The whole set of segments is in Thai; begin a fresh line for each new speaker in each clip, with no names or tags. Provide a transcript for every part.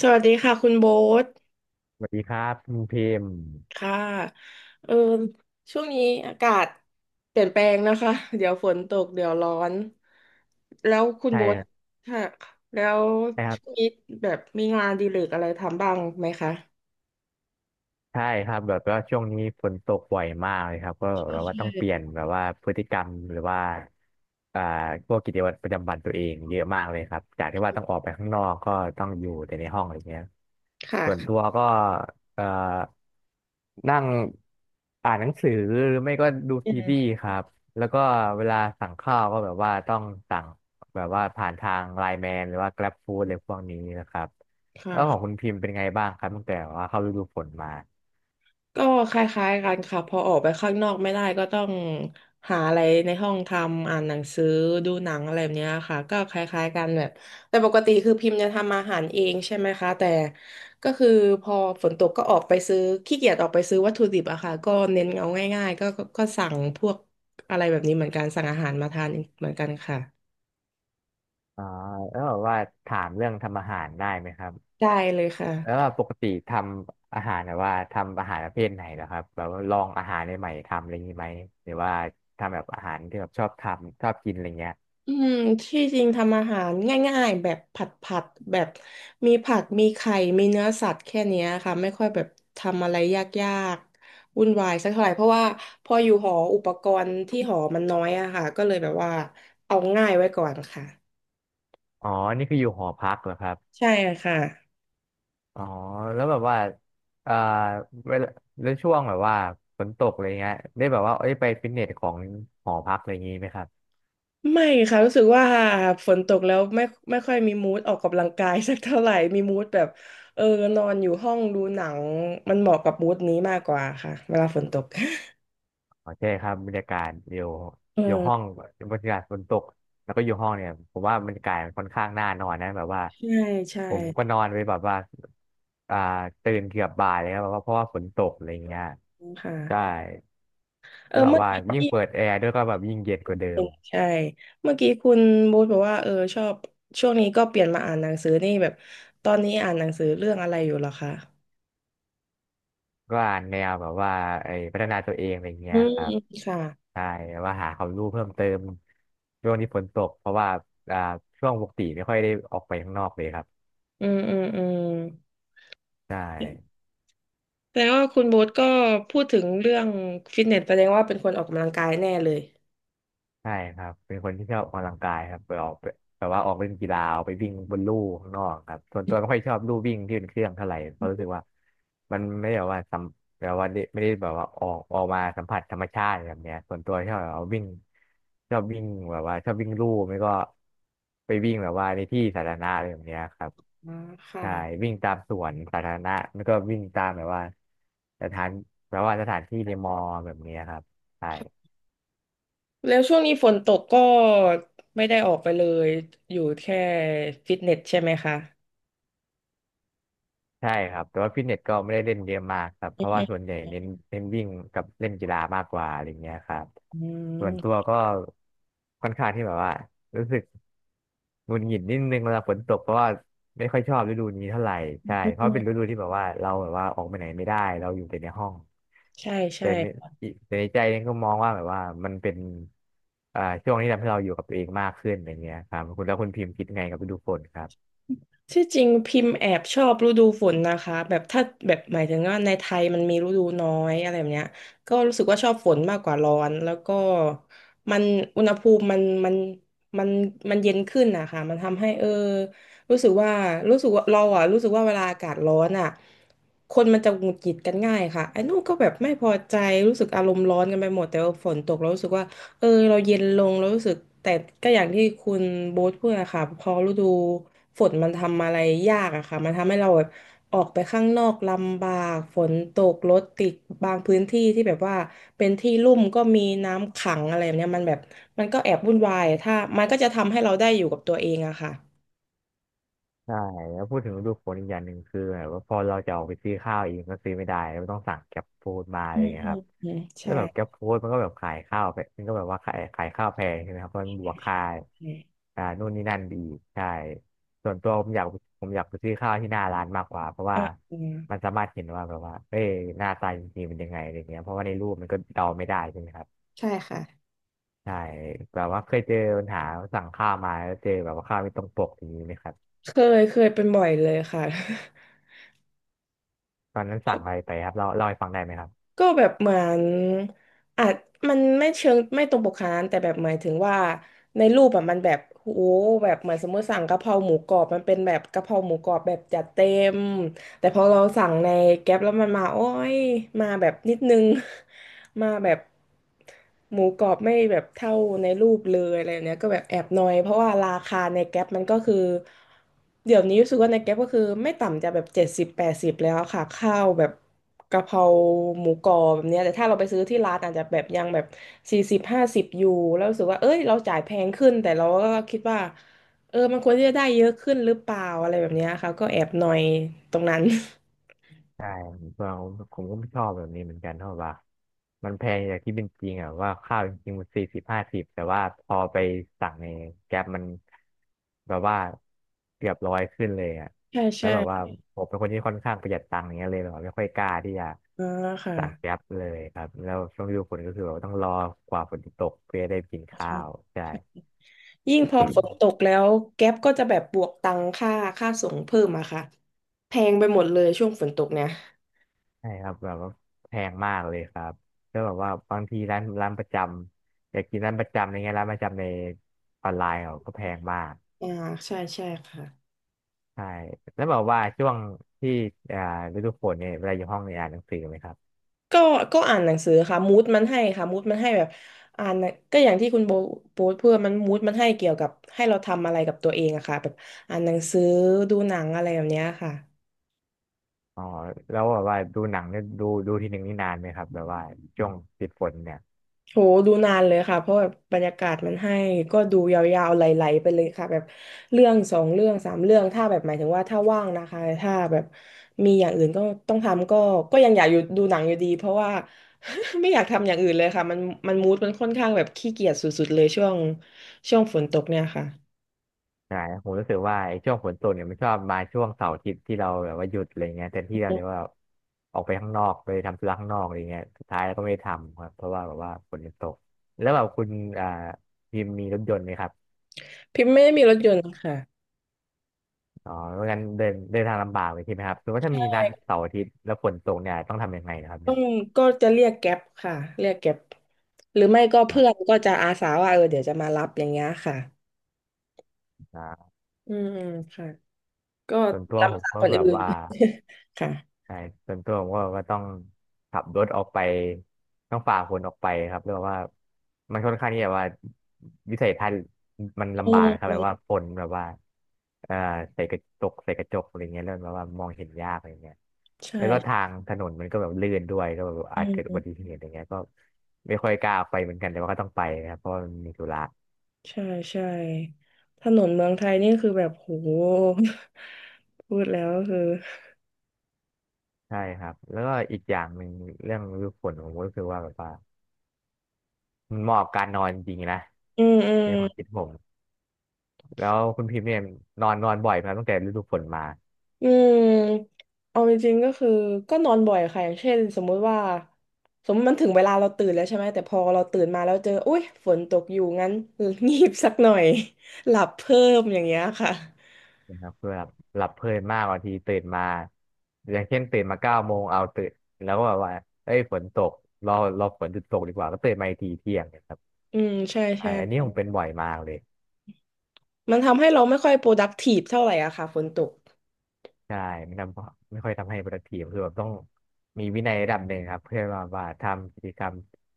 สวัสดีค่ะคุณโบ๊ท
สวัสดีครับคุณพิมพ์
ค่ะเออช่วงนี้อากาศเปลี่ยนแปลงนะคะเดี๋ยวฝนตกเดี๋ยวร้อนแล้วคุณ
ใช่
โบ๊ท
ครับ
ค่ะแล้ว
ใช่ครั
ช่วง
บ
นี้แบบมีงานอดีเลกอะไรทำบ้างไหมคะ
ใช่ครับแบบว่าช่วงนี้ฝนตกบ่อยมากเลยครับก็แบบว่าต้องเปลี่ยนแบบว่าพฤติกรรมหรือว่าอ่าพวกกิจวัตรประจำวันตัวเองเยอะมากเลยครับจากที่ว่าต้องออกไปข้างนอกก็ต้องอยู่แต่ในห้องอะไรเงี้ยส่วนตั
ค่ะ
วก็เอ่อนั่งอ่านหนังสือหรือไม่ก็ดู
อื
ซีรี
ม
ส์ครับแล้วก็เวลาสั่งข้าวก็แบบว่าต้องสั่งแบบว่าผ่านทางไลน์แมนหรือว่า Grab Food อะไรพวกนี้นะครับแล้วของ
ค่ะ
คุณพิมพ์เป็นไงบ้างครับตั้งแต่ว่าเข้าฤดูฝนมา
ก็คล้ายๆกันค่ะพอออกไปข้างนอกไม่ได้ก็ต้องหาอะไรในห้องทำอ่านหนังสือดูหนังอะไรแบบเนี้ยค่ะก็คล้ายๆกันแบบแต่ปกติคือพิมพ์จะทำอาหารเองใช่ไหมคะแต่ก็คือพอฝนตกก็ออกไปซื้อขี้เกียจออกไปซื้อวัตถุดิบอะค่ะก็เน้นเอาง่ายๆก็สั่งพวกอะไรแบบนี้เหมือนกันสั่งอาหารมาทานเหมือนกันค่ะ
อ๋อแล้วแบบว่าถามเรื่องทำอาหารได้ไหมครับ
ได้เลยค่ะ
แล้วว่าปกติทำอาหารแบบว่าทำอาหารประเภทไหนเหรอครับแบบว่าลองอาหารใหม่ๆทำอะไรอย่างนี้ไหมหรือว่าทำแบบอาหารที่แบบชอบทำชอบกินอะไรเงี้ย
อืมที่จริงทำอาหารง่ายๆแบบผัดแบบมีผักมีไข่มีเนื้อสัตว์แค่เนี้ยค่ะไม่ค่อยแบบทำอะไรยากๆวุ่นวายสักเท่าไหร่เพราะว่าพออยู่หออุปกรณ์ที่หอมันน้อยอะค่ะก็เลยแบบว่าเอาง่ายไว้ก่อนค่ะ
อ๋อนี่คืออยู่หอพักเหรอครับ
ใช่ค่ะ
อ๋อแล้วแบบว่าเอ่อเวลาแล้วช่วงแบบว่าฝนตกอะไรเงี้ยได้แบบว่าเอ้ยไปฟิตเนสของหอพักอะไรอย่างนี้ไหมครับ
ไม่ค่ะรู้สึกว่าฝนตกแล้วไม่ค่อยมีมูดออกกำลังกายสักเท่าไหร่มีมูดแบบเออนอนอยู่ห้องดูหนังมันเหมาะกับมูดนี้มากกว่าค่ะเวลาฝนตก
อ๋อใช่ครับบรรยากาศอยู่
เอ
อยู่ห้อง
อ
บรรยากาศฝนตกแล้วก็อยู่ห้องเนี่ยผมว่าบรรยากาศมันค่อนข้างน่านอนนะแบบว่า
ใช่ใช่
ผมก็นอนไปแบบว่าอ่าตื่นเกือบบ่ายเลยครับแบบว่าเพราะว่าฝนตกอะไรอย่างเงี้ยใช่
ค่ะเออ
แบบ
เมื่อ
ว่า
กี้
ยิ่ง
ที่
เปิดแอร์ด้วยก็แบบยิ่งเย็นกว่าเดิ
เห็
ม
นใช่ เมื่อกี้คุณบูธบอกว่าเออชอบช่วงนี้ก็เปลี่ยนมาอ่านหนังสือนี่แบบตอนนี้อ่านหนังสือเรื่องอะไรอยู่เหรอคะ
ก็อ่านแนวแบบว่าไอ้พัฒนาตัวเองอะไรเงี้
อื
ย
ม
ครับ
อืมค่ะ
ใช่แบบว่าหาความรู้เพิ่มเติมช่วงที่ฝนตกเพราะว่าอ่าช่วงปกติไม่ค่อยได้ออกไปข้างนอกเลยครับ
อืม
ใช่
แสดงว่าคุณโบ๊ทก็พูดถึงเรื่องฟิตเนสแสดงว่าเป็นคนออกกำลังกายแน่เลย
ใช่ครับเป็นคนที่ชอบออกกำลังกายครับไปออกไปแบบว่าออกเล่นกีฬาออกไปวิ่งบนลู่ข้างนอกครับส่วนตัวไม่ค่อยชอบลู่วิ่งที่เป็นเครื่องเท่าไหร่เพราะรู้สึกว่ามันไม่ได้แบบว่าสัมแบบว่าได้ไม่ได้แบบว่าออกมาสัมผัสธรรมชาติแบบเนี้ยส่วนตัวชอบแบบว่าวิ่งชอบวิ่งแบบว่าชอบวิ่งลู่ไม่ก็ไปวิ่งแบบว่าในที่สาธารณะอะไรแบบเนี้ยครับ
อ่าค่ะ
ใช่วิ่งตามสวนสาธารณะแล้วก็วิ่งตามแบบว่าสถานแบบว่าสถานที่ในมอแบบเนี้ยครับใช่
แล้วช่วงนี้ฝนตกก็ไม่ได้ออกไปเลยอยู่แค่ฟิตเนสใช่ไหมคะ
ใช่ครับแต่ว่าฟิตเนสก็ไม่ได้เล่นเยอะมากครับเพราะว่าส่
อื
วนใหญ่เน้นวิ่งกับเล่นกีฬามากกว่าอะไรเงี้ยครับส่วนตัว
ม
ก็ค่อนข้างที่แบบว่ารู้สึกหงุดหงิดนิดนึงเวลาฝนตกเพราะว่าไม่ค่อยชอบฤดูนี้เท่าไหร่ใช่
อื
เพราะเป็
ม
นฤดูที่แบบว่าเราแบบว่าออกไปไหนไม่ได้เราอยู่แต่ในห้อง
ใช่ใช่
แต่ในแต่ในใจเนี่ยก็มองว่าแบบว่ามันเป็นช่วงที่ทำให้เราอยู่กับตัวเองมากขึ้นอย่างเงี้ยครับคุณแล้วคุณพิมพ์คิดไงกับฤดูฝนครับ
ที่จริงพิมพ์แอบชอบฤดูฝนนะคะแบบถ้าแบบหมายถึงว่าในไทยมันมีฤดูน้อยอะไรแบบเนี้ยก็รู้สึกว่าชอบฝนมากกว่าร้อนแล้วก็มันอุณหภูมิมันมันมันเย็นขึ้นนะคะมันทำให้รู้สึกว่ารู้สึกว่าเราอ่ะรู้สึกว่าเวลาอากาศร้อนอ่ะคนมันจะหงุดหงิดกันง่ายค่ะไอ้นู่นก็แบบไม่พอใจรู้สึกอารมณ์ร้อนกันไปหมดแต่ว่าฝนตกแล้วรู้สึกว่า เราเย็นลงเรารู้สึกแต่ก็อย่างที่คุณโบ๊ทพูดอะค่ะพอฤดูฝนมันทำอะไรยากอะค่ะมันทำให้เราแบบออกไปข้างนอกลำบากฝนตกรถติดบางพื้นที่ที่แบบว่าเป็นที่ลุ่มก็มีน้ำขังอะไรแบบเนี้ยมันแบบมันก็แอบวุ่นวายถ้ามันก็จะทำให้เราได้อยู่กับตัวเองอะค่ะ
ใช่แล้วพูดถึงฤดูฝนอีกอย่างหนึ่งคือแบบว่าพอเราจะออกไปซื้อข้าวเองก็ซื้อไม่ได้ก็ต้องสั่งแก็บฟู้ดมาอะ
อื
ไรอ
ม
ย่างเงี้ย
อื
ค
ม
รับ
อืม
แล้
ใช่
วแบบแก็บฟู้ดมันก็แบบขายข้าวแพมันก็แบบว่าขายข้าวแพงใช่ไหมครับเพราะมันบวกค่า
เ
นู่นนี่นั่นอีกใช่ส่วนตัวผมอยากไปซื้อข้าวที่หน้าร้านมากกว่าเพราะ
อ
ว่า
อเอ
มั
อ
นสามารถเห็นว่าแบบว่าเอ้ยหน้าตาจริงๆเป็นยังไงอะไรเงี้ยเพราะว่าในรูปมันก็เดาไม่ได้ใช่ไหมครับ
ใช่ค่ะ
ใช่แบบว่าเคยเจอปัญหาสั่งข้าวมาแล้วเจอแบบว่าข้าวไม่ตรงปกอย่างนี้ไหมครับ
เคเคยเป็นบ่อยเลยค่ะ
ตอนนั้นสั่ง อะไรไปครับเร่าเล่าให้ฟังได้ไหมครับ
ก็แบบเหมือนอาจมันไม่เชิงไม่ตรงปกขนาดนั้นแต่แบบหมายถึงว่าในรูปอะมันแบบโหแบบเหมือนสมมติสั่งกะเพราหมูกรอบมันเป็นแบบกะเพราหมูกรอบแบบจัดเต็ม แต่พอเราสั่งในแก๊ปแล้วมันมาโอ้ยมาแบบนิดนึง มาแบบหมูกรอบไม่แบบเท่าในรูปเลยอะไรแบบเนี้ยก็แบบแอบนอยเพราะว่าราคาในแก๊ปมันก็คือเดี๋ยวนี้รู้สึกว่าในแก๊ปก็คือไม่ต่ำจะแบบเจ็ดสิบแปดสิบแล้วค่ะข้าวแบบกะเพราหมูกรอบแบบเนี้ยแต่ถ้าเราไปซื้อที่ร้านอาจจะแบบยังแบบสี่สิบห้าสิบอยู่แล้วรู้สึกว่าเอ้ยเราจ่ายแพงขึ้นแต่เราก็คิดว่า มันควรที่จะได้เยอะขึ้นหรือเปล่าอะไรแบบเนี้ยค่ะก็แอบหน่อยตรงนั้น
ใช่ผผมก็ไม่ชอบแบบนี้เหมือนกันเพราะว่ามันแพงอย่างที่เป็นจริงอ่ะว่าข้าวจริงๆมัน40-50แต่ว่าพอไปสั่งในแก๊ปมันแบบว่าเกือบ100ขึ้นเลยอ่ะ
ใช่
แล้
ใช่
วแบบว่าผมเป็นคนที่ค่อนข้างประหยัดตังค์อย่างเงี้ยเลยแบบว่าไม่ค่อยกล้าที่จะ
อ่าค่ะ
สั่งแก๊ปเลยครับแล้วช่วงฤดูฝนก็คือแบบว่าต้องรอกว่าฝนจะตกเพื่อได้กินข้า
ค่ะ
วใช่
ใช่ยิ่งพอฝนตกแล้วแก๊ปก็จะแบบบวกตังค่าค่าส่งเพิ่มอะค่ะแพงไปหมดเลยช่วงฝนตกเนี่ย
ใช่ครับแบบว่าแพงมากเลยครับแล้วแบบว่าบางทีร้านประจำอยากกินร้านประจำอะไรเงี้ยร้านประจำในออนไลน์เขาก็แพงมาก
อ่าใช่ใช่ค่ะ
ใช่แล้วแบบว่าช่วงที่อ่าฤดูฝนเนี่ยเวลาอยู่ห้องเนี่ยอ่านหนังสือไหมครับ
ก็ก็อ่านหนังสือค่ะมูดมันให้ค่ะมูดมันให้แบบอ่านหนังก็อย่างที่คุณโบโพสต์เพื่อมันมูดมันให้เกี่ยวกับให้เราทำอะไรกับตัวเองอะค่ะแบบอ่านหนังสือดูหนังอะไรแบบเนี้ยค่ะ
อ๋อแล้วแบบว่าดูหนังเนี่ยดูทีหนึ่งนี่นานไหมครับแบบว่าช่วงติดฝนเนี่ย
โหดูนานเลยค่ะเพราะแบบบรรยากาศมันให้ก็ดูยาวๆไหลๆไปเลยค่ะแบบเรื่องสองเรื่องสามเรื่องถ้าแบบหมายถึงว่าถ้าว่างนะคะถ้าแบบมีอย่างอื่นก็ต้องทำก็ยังอยากอยู่ดูหนังอยู่ดีเพราะว่า ไม่อยากทำอย่างอื่นเลยค่ะมันมูดมันค่อนข้างแบบขี้เกียจสุดๆเลยช่วงฝนตกเนี่ยค่ะ
ใช่ผมรู้สึกว่าไอ้ช่วงฝนตกเนี่ยมันชอบมาช่วงเสาร์อาทิตย์ที่เราแบบว่าหยุดอะไรเงี้ยแต่ที่เราเนี่ยว่าออกไปข้างนอกไปทำธุระข้างนอกอะไรเงี้ยสุดท้ายเราก็ไม่ได้ทำครับเพราะว่าแบบว่าฝนมันตกแล้วแบบคุณอ่าพิมพ์มีรถยนต์ไหมครับ
พิมพ์ไม่ได้มีรถยนต์ค่ะ
อ๋อไม่งั้นเดินเดินทางลำบากเลยใช่ไหมครับสมมติว่าถ้า
ใช่
มีนัดเสาร์อาทิตย์แล้วฝนตกเนี่ยต้องทำยังไงนะครับ
ต้อ
เนี่ย
งก็จะเรียกแก๊ปค่ะเรียกแก๊ปหรือไม่ก็
อ่า
เพื่อนก็จะอาสาว่าเออเดี๋ยวจะมารับอย่างเงี้ยค่ะ
อ่า
อืมค่ะ ก็
ส่วนตัว
ลำ
ผม
บาก
ก็
คน
แบบ
อื่น
ว่า
ค่ะ
ใช่ส่วนตัวผมก็ต้องขับรถออกไปต้องฝ่าฝนออกไปครับเรียกว่ามันค่อนข้างที่แบบว่าวิสัยทัศน์มัน
อื
ลำบากครับแบ
ม
บว่าฝนแบบว่าเอ่อใส่กระจกใส่กระจกอะไรเงี้ยเริ่มแบบว่ามองเห็นยากอะไรเงี้ย
ใช่
แล้วก็ทางถนนมันก็แบบลื่นด้วยก็แบบ
อื
อาจเกิดอุบัติ
ม
เหตุอะไรเงี้ยก็ไม่ค่อยกล้าออกไปเหมือนกันแต่ว่าก็ต้องไปนะครับเพราะว่ามันมีธุระ
ใช่ใช่ถนนเมืองไทยนี่คือแบบโห พูดแล้วก็คือ
ใช่ครับแล้วก็อีกอย่างหนึ่งเรื่องฤดูฝนผมก็รู้สึกว่าแบบว่ามันเหมาะกับการนอนจริงๆนะ
อืมอืม
ในความคิดผม แล้วคุณพิมพ์เนี่ยนอนนอนบ่อยไหมครับตั้งแต่ฤดูฝนมา
อืมเอาจริงๆก็คือก็นอนบ่อยค่ะอย่างเช่นสมมุติว่าสมมติมันถึงเวลาเราตื่นแล้วใช่ไหมแต่พอเราตื่นมาแล้วเจออุ๊ยฝนตกอยู่งั้น งีบสักหน่อย หลับเพิ่มอย่างเงี้ยค่ะ
นะครับคือแบบหลับเพลินมากบางทีตื่นมาอย่างเช่นตื่นมาเก้าโมงเอาตื่นแล้วก็แบบว่าเอ้ยฝนตกรอรอฝนหยุดตกดีกว่าก็ตื่นมาอีกทีเที่ยงเนะครับ
อืมใช่
ใช่
ใช่
อันนี้ผมเป็นบ่อยมากเลย
มันทำให้เราไม่ค่อย productive เท่าไหร่อะค่ะฝนตก
ใช่ไม่ทำไม่ค่อยทำให้ productive คือแบบต้องมีวินัยระดับหนึ่งครับเพื่อว่าทำกิจกรรม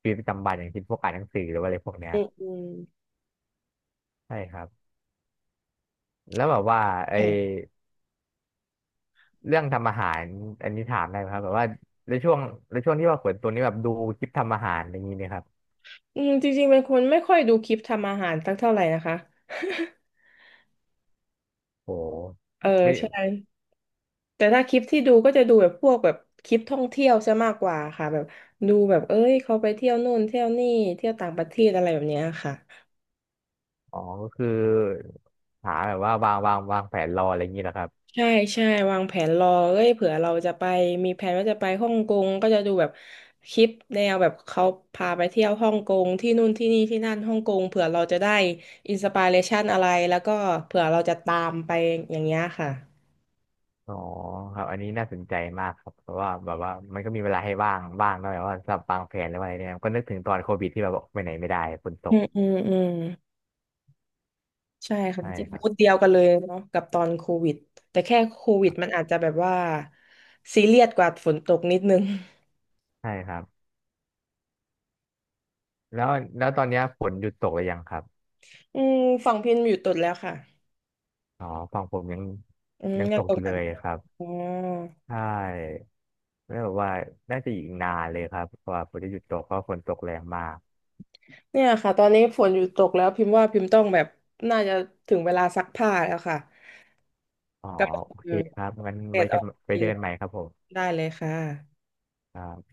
ชีวิตประจำวันอย่างเช่นพวกอ่านหนังสือหรือว่าอะไรพวกเนี้ย
อืมอืม
ใช่ครับแล้วแบบว่าไอ
ใช่
เรื่องทำอาหารอันนี้ถามได้ไหมครับแบบว่าในช่วงในช่วงที่ว่าขวนตัวนี้แบบดูคลิปทำอาหารอย่างนี้เนะครับ
จริงๆเป็นคนไม่ค่อยดูคลิปทำอาหารสักเท่าไหร่นะคะ
โห
เออ
ไม่
ใช่แต่ถ้าคลิปที่ดูก็จะดูแบบพวกแบบคลิปท่องเที่ยวซะมากกว่าค่ะแบบดูแบบเอ้ยเขาไปเที่ยวนู่นเที่ยวนี่เที่ยวต่างประเทศอะไรแบบเนี้ยค่ะ
อ๋อก็คือหาแบบว่าวางแผนรออะไรอย่างนี้แหละครับ
ใช่ใช่วางแผนรอเอ้ยเผื่อเราจะไปมีแผนว่าจะไปฮ่องกงก็จะดูแบบคลิปแนวแบบเขาพาไปเที่ยวฮ่องกงที่นู่นที่นี่ที่นั่นฮ่องกงเผื่อเราจะได้อินสปิเรชันอะไรแล้วก็เผื่อเราจะตามไปอย่างเงี้ยค่ะ
อ๋อครับอันนี้น่าสนใจมากครับเพราะว่าแบบว่ามันก็มีเวลาให้ว่างบ้างนะแบบว่าสำหรับวางแผนอะไรเนี่ยก็นึกถึงตอนโควิดที่แบบออกไปไหนไม่ได้ฝนต
อื
ก
มอืมอืมใช่ค่ะ
ใช่
จิต
ครั
พู
บ
ดเดียวกันเลยเนาะกับตอนโควิดแต่แค่โควิดมันอาจจะแบบว่าซีเรียสกว่าฝนตกนิดนึง
ใช่ครับแล้วแล้วตอนเนี้ยฝนหยุดตกหรือยังครับ
อืมฝั่งพิมอยู่ตุดแล้วค่ะ
อ๋อฝั่งผมยัง
อืม
ยัง
ยั
ต
ง
ก
ต
อ
ก
ยู่
ห
เล
นัก
ยครับ
อ๋อ
ใช่ แล้วแบบว่าน่าจะอีกนานเลยครับกว่าฝนจะหยุดตกเพราะฝนตกแรงมาก
เนี่ยค่ะตอนนี้ฝนหยุดตกแล้วพิมพ์ว่าพิมพ์ต้องแบบน่าจะถึงเวลาซักผ้าแล้วค่ะ
อ๋อ
กำลัง
โอ
เอ
เค
อ
ครับงั้น
เสร็
ไว้
จอ
กั
อ
น
ก
ไว้
ที
เจอกันใหม่ครับผม
ได้เลยค่ะ
ครับ